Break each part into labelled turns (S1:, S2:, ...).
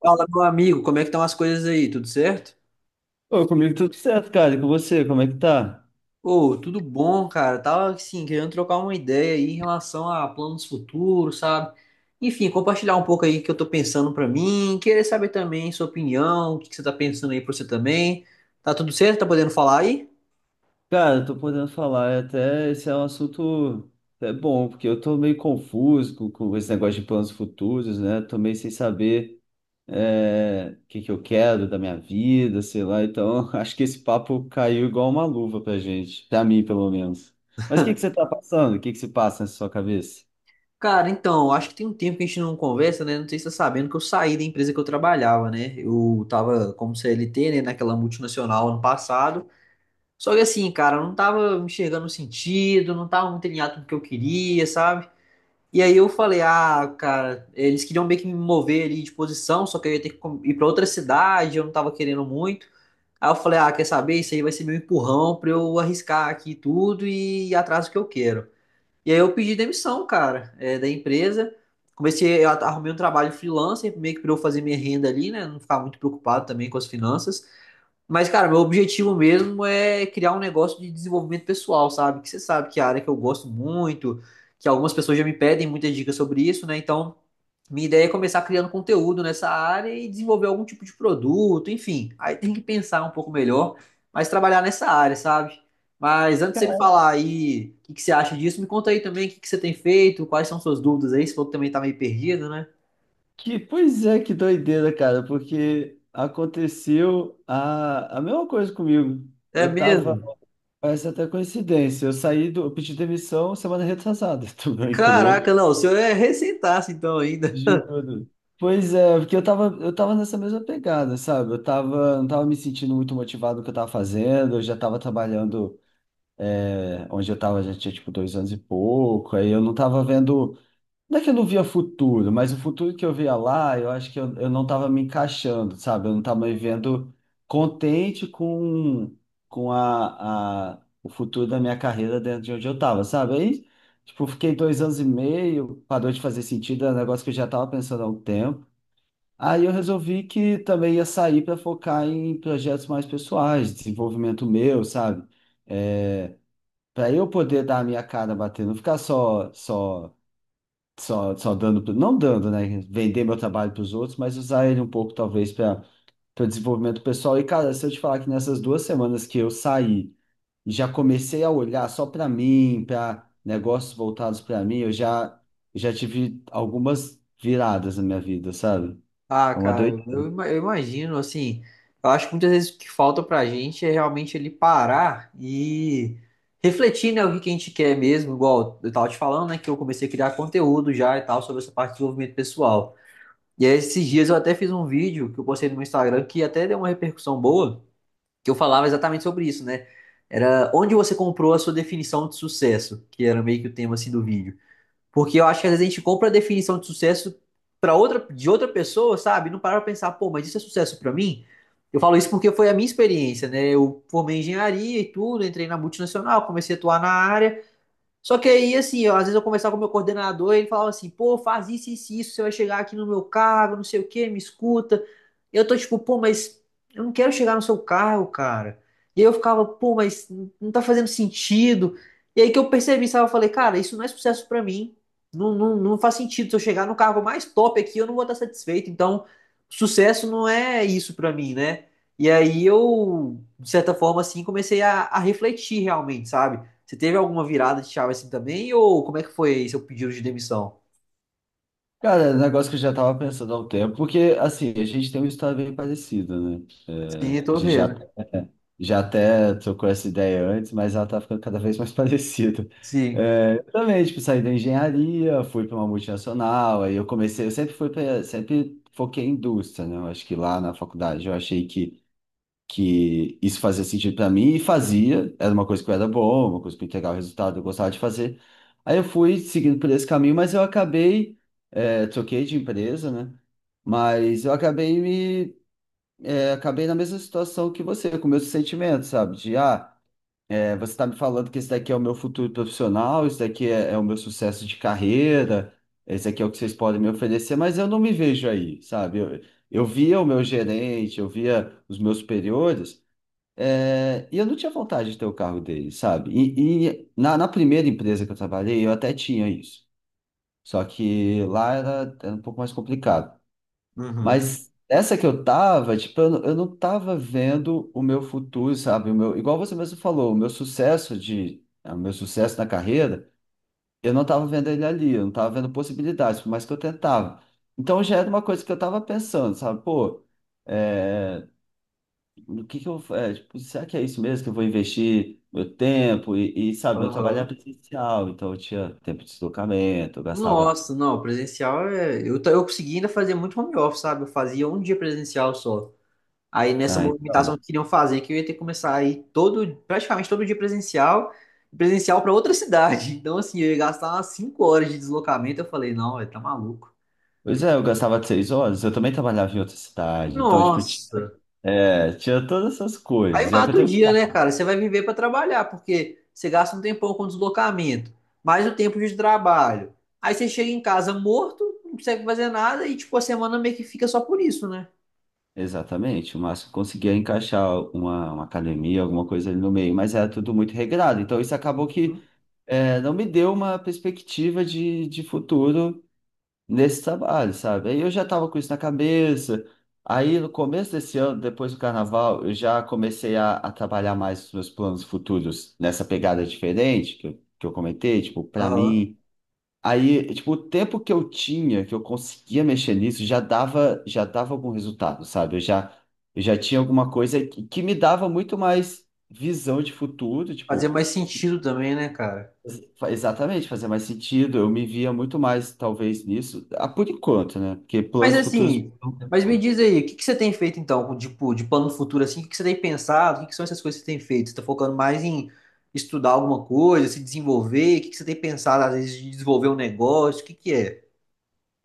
S1: Fala, meu amigo, como é que estão as coisas aí? Tudo certo?
S2: Ô, comigo tudo certo, cara. E com você, como é que tá?
S1: Ô, tudo bom, cara. Tava assim, querendo trocar uma ideia aí em relação a planos futuros, sabe? Enfim, compartilhar um pouco aí o que eu tô pensando pra mim, querer saber também sua opinião, o que que você tá pensando aí pra você também. Tá tudo certo? Tá podendo falar aí?
S2: Cara, eu tô podendo falar, é até esse é um assunto bom, porque eu tô meio confuso com esse negócio de planos futuros, né? Tô meio sem saber o que que eu quero da minha vida, sei lá. Então, acho que esse papo caiu igual uma luva pra gente, pra mim, pelo menos. Mas o que que você tá passando? O que que se passa na sua cabeça?
S1: Cara, então, acho que tem um tempo que a gente não conversa, né? Não sei se você tá sabendo que eu saí da empresa que eu trabalhava, né? Eu tava como CLT, né, naquela multinacional ano passado. Só que assim, cara, eu não tava enxergando o sentido, não tava muito alinhado com o que eu queria, sabe? E aí eu falei, ah, cara, eles queriam meio que me mover ali de posição, só que eu ia ter que ir pra outra cidade, eu não tava querendo muito. Aí eu falei, ah, quer saber? Isso aí vai ser meu empurrão pra eu arriscar aqui tudo e ir atrás do que eu quero. E aí eu pedi demissão, cara, é, da empresa. Comecei, eu arrumei um trabalho freelancer, meio que pra eu fazer minha renda ali, né? Não ficar muito preocupado também com as finanças. Mas, cara, meu objetivo mesmo é criar um negócio de desenvolvimento pessoal, sabe? Que você sabe que é a área que eu gosto muito, que algumas pessoas já me pedem muitas dicas sobre isso, né? Então, minha ideia é começar criando conteúdo nessa área e desenvolver algum tipo de produto, enfim. Aí tem que pensar um pouco melhor, mas trabalhar nessa área, sabe? Mas antes de você me falar aí o que que você acha disso, me conta aí também o que que você tem feito, quais são suas dúvidas aí, se falou que também tá meio perdido, né?
S2: Pois é, que doideira, cara, porque aconteceu a mesma coisa comigo.
S1: É
S2: Eu tava
S1: mesmo?
S2: Parece até coincidência. Eu pedi demissão semana retrasada do meu emprego.
S1: Caraca, não, o senhor é recém-taço então ainda.
S2: Juro. Pois é, porque eu tava nessa mesma pegada, sabe? Eu tava, não tava me sentindo muito motivado no que eu tava fazendo, eu já tava trabalhando onde eu tava, já tinha tipo dois anos e pouco, aí eu não tava vendo. Não é que eu não via futuro, mas o futuro que eu via lá, eu acho eu não estava me encaixando, sabe? Eu não estava me vendo contente com o futuro da minha carreira dentro de onde eu estava, sabe? Aí, tipo, fiquei dois anos e meio, parou de fazer sentido, era um negócio que eu já estava pensando há um tempo. Aí eu resolvi que também ia sair para focar em projetos mais pessoais, desenvolvimento meu, sabe? É, Para eu poder dar a minha cara bater, não ficar só, só dando, não dando, né? Vender meu trabalho para os outros, mas usar ele um pouco, talvez, para o desenvolvimento pessoal. E, cara, se eu te falar que nessas duas semanas que eu saí e já comecei a olhar só para mim, para negócios voltados para mim, já tive algumas viradas na minha vida, sabe?
S1: Ah,
S2: É uma
S1: cara,
S2: doideira.
S1: eu, eu imagino, assim, eu acho que muitas vezes o que falta pra gente é realmente ele parar e refletir, né, o que que a gente quer mesmo, igual eu tava te falando, né, que eu comecei a criar conteúdo já e tal sobre essa parte de desenvolvimento pessoal. E aí, esses dias eu até fiz um vídeo que eu postei no meu Instagram que até deu uma repercussão boa, que eu falava exatamente sobre isso, né? Era onde você comprou a sua definição de sucesso, que era meio que o tema assim do vídeo. Porque eu acho que às vezes a gente compra a definição de sucesso para outra, de outra pessoa, sabe? Não parar pra pensar, pô, mas isso é sucesso para mim? Eu falo isso porque foi a minha experiência, né? Eu formei em engenharia e tudo, entrei na multinacional, comecei a atuar na área, só que aí, assim, eu, às vezes eu conversava com o meu coordenador e ele falava assim, pô, faz isso, isso, isso, você vai chegar aqui no meu cargo, não sei o quê, me escuta. Eu tô tipo, pô, mas eu não quero chegar no seu cargo, cara. E aí eu ficava, pô, mas não tá fazendo sentido. E aí que eu percebi, sabe, eu falei, cara, isso não é sucesso pra mim. Não, não, não faz sentido. Se eu chegar no cargo mais top aqui, eu não vou estar satisfeito. Então, sucesso não é isso pra mim, né? E aí eu, de certa forma, assim, comecei a refletir realmente, sabe? Você teve alguma virada de chave assim também? Ou como é que foi seu pedido de demissão?
S2: Cara, é um negócio que eu já tava pensando há um tempo, porque, assim, a gente tem uma história bem parecida, né? É,
S1: Sim,
S2: a
S1: tô
S2: gente já,
S1: vendo.
S2: já até trocou essa ideia antes, mas ela tá ficando cada vez mais parecida.
S1: Sim.
S2: É, eu também, tipo, saí da engenharia, fui para uma multinacional, eu sempre fui para, sempre foquei em indústria, né? Eu acho que lá na faculdade eu achei que isso fazia sentido pra mim e fazia, era uma coisa que eu era boa, uma coisa que eu entregava resultado, eu gostava de fazer. Aí eu fui seguindo por esse caminho, troquei de empresa, né? Mas eu acabei me, acabei na mesma situação que você, com meus sentimentos, sabe? Você tá me falando que esse daqui é o meu futuro profissional, isso daqui é o meu sucesso de carreira, esse daqui é o que vocês podem me oferecer, mas eu não me vejo aí, sabe? Eu via o meu gerente, eu via os meus superiores, e eu não tinha vontade de ter o carro dele, sabe? E na, na primeira empresa que eu trabalhei, eu até tinha isso. Só que lá era, era um pouco mais complicado.
S1: Uhum.
S2: Mas essa que eu tava, tipo, eu não tava vendo o meu futuro, sabe? O meu, igual você mesmo falou, o meu sucesso na carreira, eu não tava vendo ele ali, eu não tava vendo possibilidades, por mais que eu tentava. Então já era uma coisa que eu tava pensando, sabe? Pô. eh, do que eu, é, tipo, será que é isso mesmo que eu vou investir meu tempo sabe, meu trabalho era
S1: Aham.
S2: presencial, então eu tinha tempo de deslocamento, eu gastava,
S1: Nossa, não, presencial é. Eu, eu consegui ainda fazer muito home office, sabe? Eu fazia um dia presencial só. Aí nessa
S2: ah,
S1: movimentação
S2: então,
S1: que queriam fazer, que eu ia ter que começar a ir todo, praticamente todo dia presencial, presencial para outra cidade. Então, assim, eu ia gastar umas 5 horas de deslocamento. Eu falei, não, velho, tá maluco.
S2: pois é, eu gastava seis horas, eu também trabalhava em outra cidade, então, tipo, tinha,
S1: Nossa.
S2: tinha todas essas
S1: Aí
S2: coisas, e é o que eu
S1: mata o
S2: tenho,
S1: dia, né, cara? Você vai viver para trabalhar, porque você gasta um tempão com deslocamento, mais o tempo de trabalho. Aí você chega em casa morto, não consegue fazer nada e, tipo, a semana meio que fica só por isso, né?
S2: exatamente, o máximo que eu conseguia encaixar uma academia, alguma coisa ali no meio, mas era tudo muito regrado, então isso acabou que,
S1: Uhum.
S2: não me deu uma perspectiva de futuro nesse trabalho, sabe? Aí eu já tava com isso na cabeça. Aí no começo desse ano, depois do carnaval, eu já comecei a trabalhar mais os meus planos futuros nessa pegada diferente que eu comentei, tipo, pra
S1: Aham.
S2: mim. Aí, tipo, o tempo que eu tinha, que eu conseguia mexer nisso, já dava algum resultado, sabe? Eu já tinha alguma coisa que me dava muito mais visão de futuro,
S1: Fazer
S2: tipo.
S1: mais sentido também, né, cara?
S2: Exatamente, fazia mais sentido. Eu me via muito mais, talvez, nisso, ah, por enquanto, né? Porque
S1: Mas
S2: planos futuros
S1: assim,
S2: não tem
S1: mas me
S2: como.
S1: diz aí, o que que você tem feito então, com, tipo, de plano futuro assim? O que que você tem pensado? O que que são essas coisas que você tem feito? Você tá focando mais em estudar alguma coisa, se desenvolver? O que que você tem pensado, às vezes, de desenvolver um negócio? O que que é?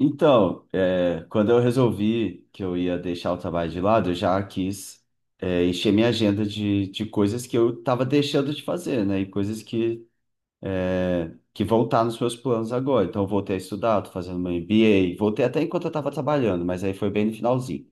S2: Então, é, quando eu resolvi que eu ia deixar o trabalho de lado, eu já quis, encher minha agenda de coisas que eu estava deixando de fazer, né? E coisas que vão estar nos meus planos agora. Então, eu voltei a estudar, estou fazendo meu MBA, voltei até enquanto eu estava trabalhando, mas aí foi bem no finalzinho.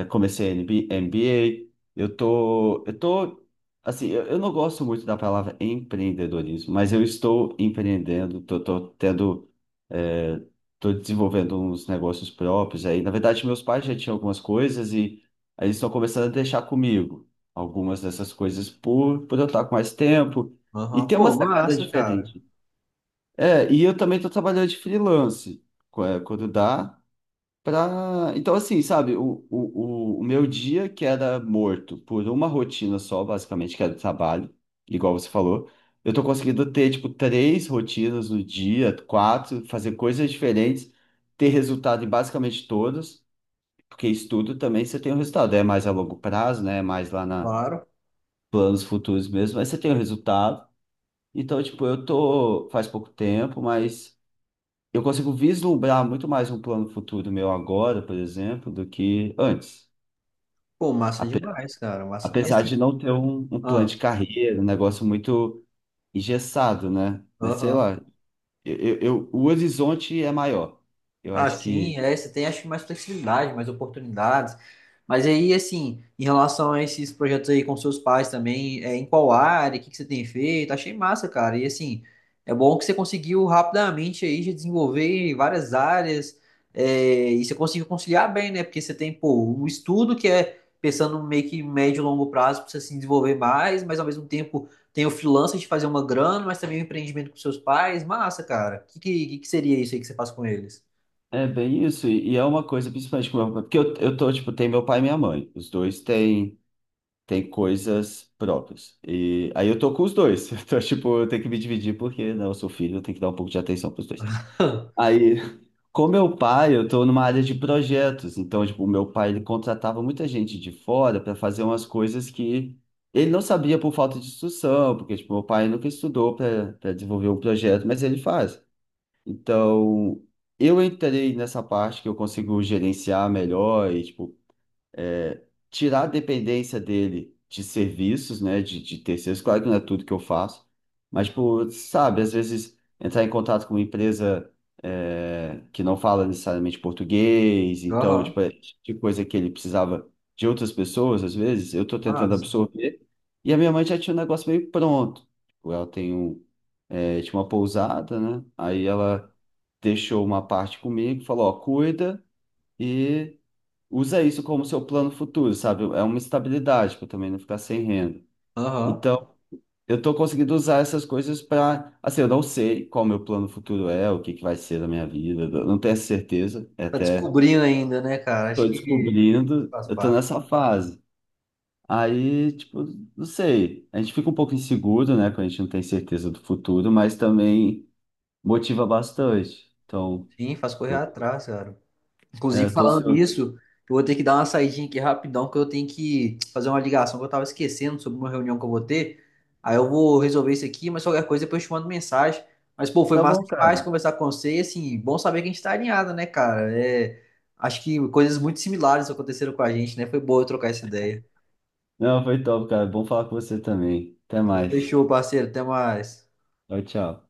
S2: Eu comecei MBA, eu tô, eu tô, assim, eu não gosto muito da palavra empreendedorismo, mas eu estou empreendendo, é, tô desenvolvendo uns negócios próprios aí. Na verdade, meus pais já tinham algumas coisas e aí eles estão começando a deixar comigo algumas dessas coisas por eu estar com mais tempo
S1: Aham,
S2: e ter uma
S1: pô,
S2: sacada
S1: massa, cara.
S2: diferente. É, e eu também estou trabalhando de freelance, quando dá. Pra... Então, assim, sabe, o meu dia que era morto por uma rotina só, basicamente, que era o trabalho, igual você falou, eu tô conseguindo ter, tipo, três rotinas no dia, quatro, fazer coisas diferentes, ter resultado em basicamente todas, porque estudo também você tem um resultado, é mais a longo prazo, né, é mais lá na
S1: Claro.
S2: planos futuros mesmo, mas você tem o resultado. Então, tipo, eu tô faz pouco tempo, mas eu consigo vislumbrar muito mais um plano futuro meu agora, por exemplo, do que antes.
S1: Pô, massa
S2: Ape-
S1: demais, cara. Massa. E
S2: Apesar
S1: assim,
S2: de não ter um plano
S1: ah,
S2: de carreira, um negócio muito engessado, né? Mas sei
S1: aham,
S2: lá, o horizonte é maior. Eu acho
S1: assim,
S2: que
S1: é, você tem acho que mais flexibilidade, mais oportunidades. Mas aí, assim, em relação a esses projetos aí com seus pais também, é, em qual área, o que que você tem feito? Achei massa, cara. E assim, é bom que você conseguiu rapidamente aí já desenvolver várias áreas, é, e você conseguiu conciliar bem, né? Porque você tem, pô, o estudo que é pensando meio que médio e longo prazo para você se desenvolver mais, mas ao mesmo tempo tem o freelancer de fazer uma grana, mas também o empreendimento com seus pais. Massa, cara. O que que seria isso aí que você faz com eles?
S2: é bem isso. E é uma coisa, principalmente com meu pai, porque eu tô, tipo, tem meu pai e minha mãe. Têm coisas próprias. E aí eu tô com os dois. Então, tipo, eu tenho que me dividir, porque, não, eu sou filho, eu tenho que dar um pouco de atenção pros dois.
S1: Hã.
S2: Aí, com meu pai, eu estou numa área de projetos, então, tipo, o meu pai, ele contratava muita gente de fora para fazer umas coisas que ele não sabia por falta de instrução, porque, tipo, meu pai nunca estudou para desenvolver um projeto, mas ele faz. Então, eu entrei nessa parte que eu consigo gerenciar melhor e, tipo, é, tirar a dependência dele de serviços, né, de terceiros, claro que não é tudo que eu faço, mas, tipo, sabe, às vezes entrar em contato com uma empresa que não fala necessariamente português, então,
S1: Aham,
S2: tipo, é tipo de coisa que ele precisava de outras pessoas, às vezes, eu estou tentando
S1: massa.
S2: absorver, e a minha mãe já tinha um negócio meio pronto. Tipo, ela tem um, tinha uma pousada, né, aí ela deixou uma parte comigo, falou, ó, cuida, e usa isso como seu plano futuro, sabe? É uma estabilidade para também não ficar sem renda.
S1: Aham.
S2: Então, eu estou conseguindo usar essas coisas para, assim, eu não sei qual o meu plano futuro é, o que que vai ser da minha vida, eu não tenho essa certeza, é
S1: Tá
S2: até
S1: descobrindo ainda, né, cara? Acho
S2: estou
S1: que
S2: descobrindo,
S1: faz
S2: eu estou
S1: parte.
S2: nessa fase. Aí, tipo, não sei, a gente fica um pouco inseguro, né, quando a gente não tem certeza do futuro, mas também motiva bastante. Então,
S1: Sim, faz correr
S2: tipo,
S1: atrás, cara. Inclusive,
S2: eu tô
S1: falando
S2: ansioso.
S1: nisso, eu vou ter que dar uma saidinha aqui rapidão, que eu tenho que fazer uma ligação que eu tava esquecendo sobre uma reunião que eu vou ter. Aí eu vou resolver isso aqui, mas qualquer coisa depois eu te mando mensagem. Mas, pô, foi
S2: Tá
S1: massa
S2: bom,
S1: demais
S2: cara.
S1: conversar com você e, assim, bom saber que a gente tá alinhado, né, cara? É, acho que coisas muito similares aconteceram com a gente, né? Foi boa eu trocar essa ideia.
S2: Não, foi top, cara. Bom falar com você também. Até
S1: Então,
S2: mais.
S1: fechou, parceiro. Até mais.
S2: Tchau, tchau.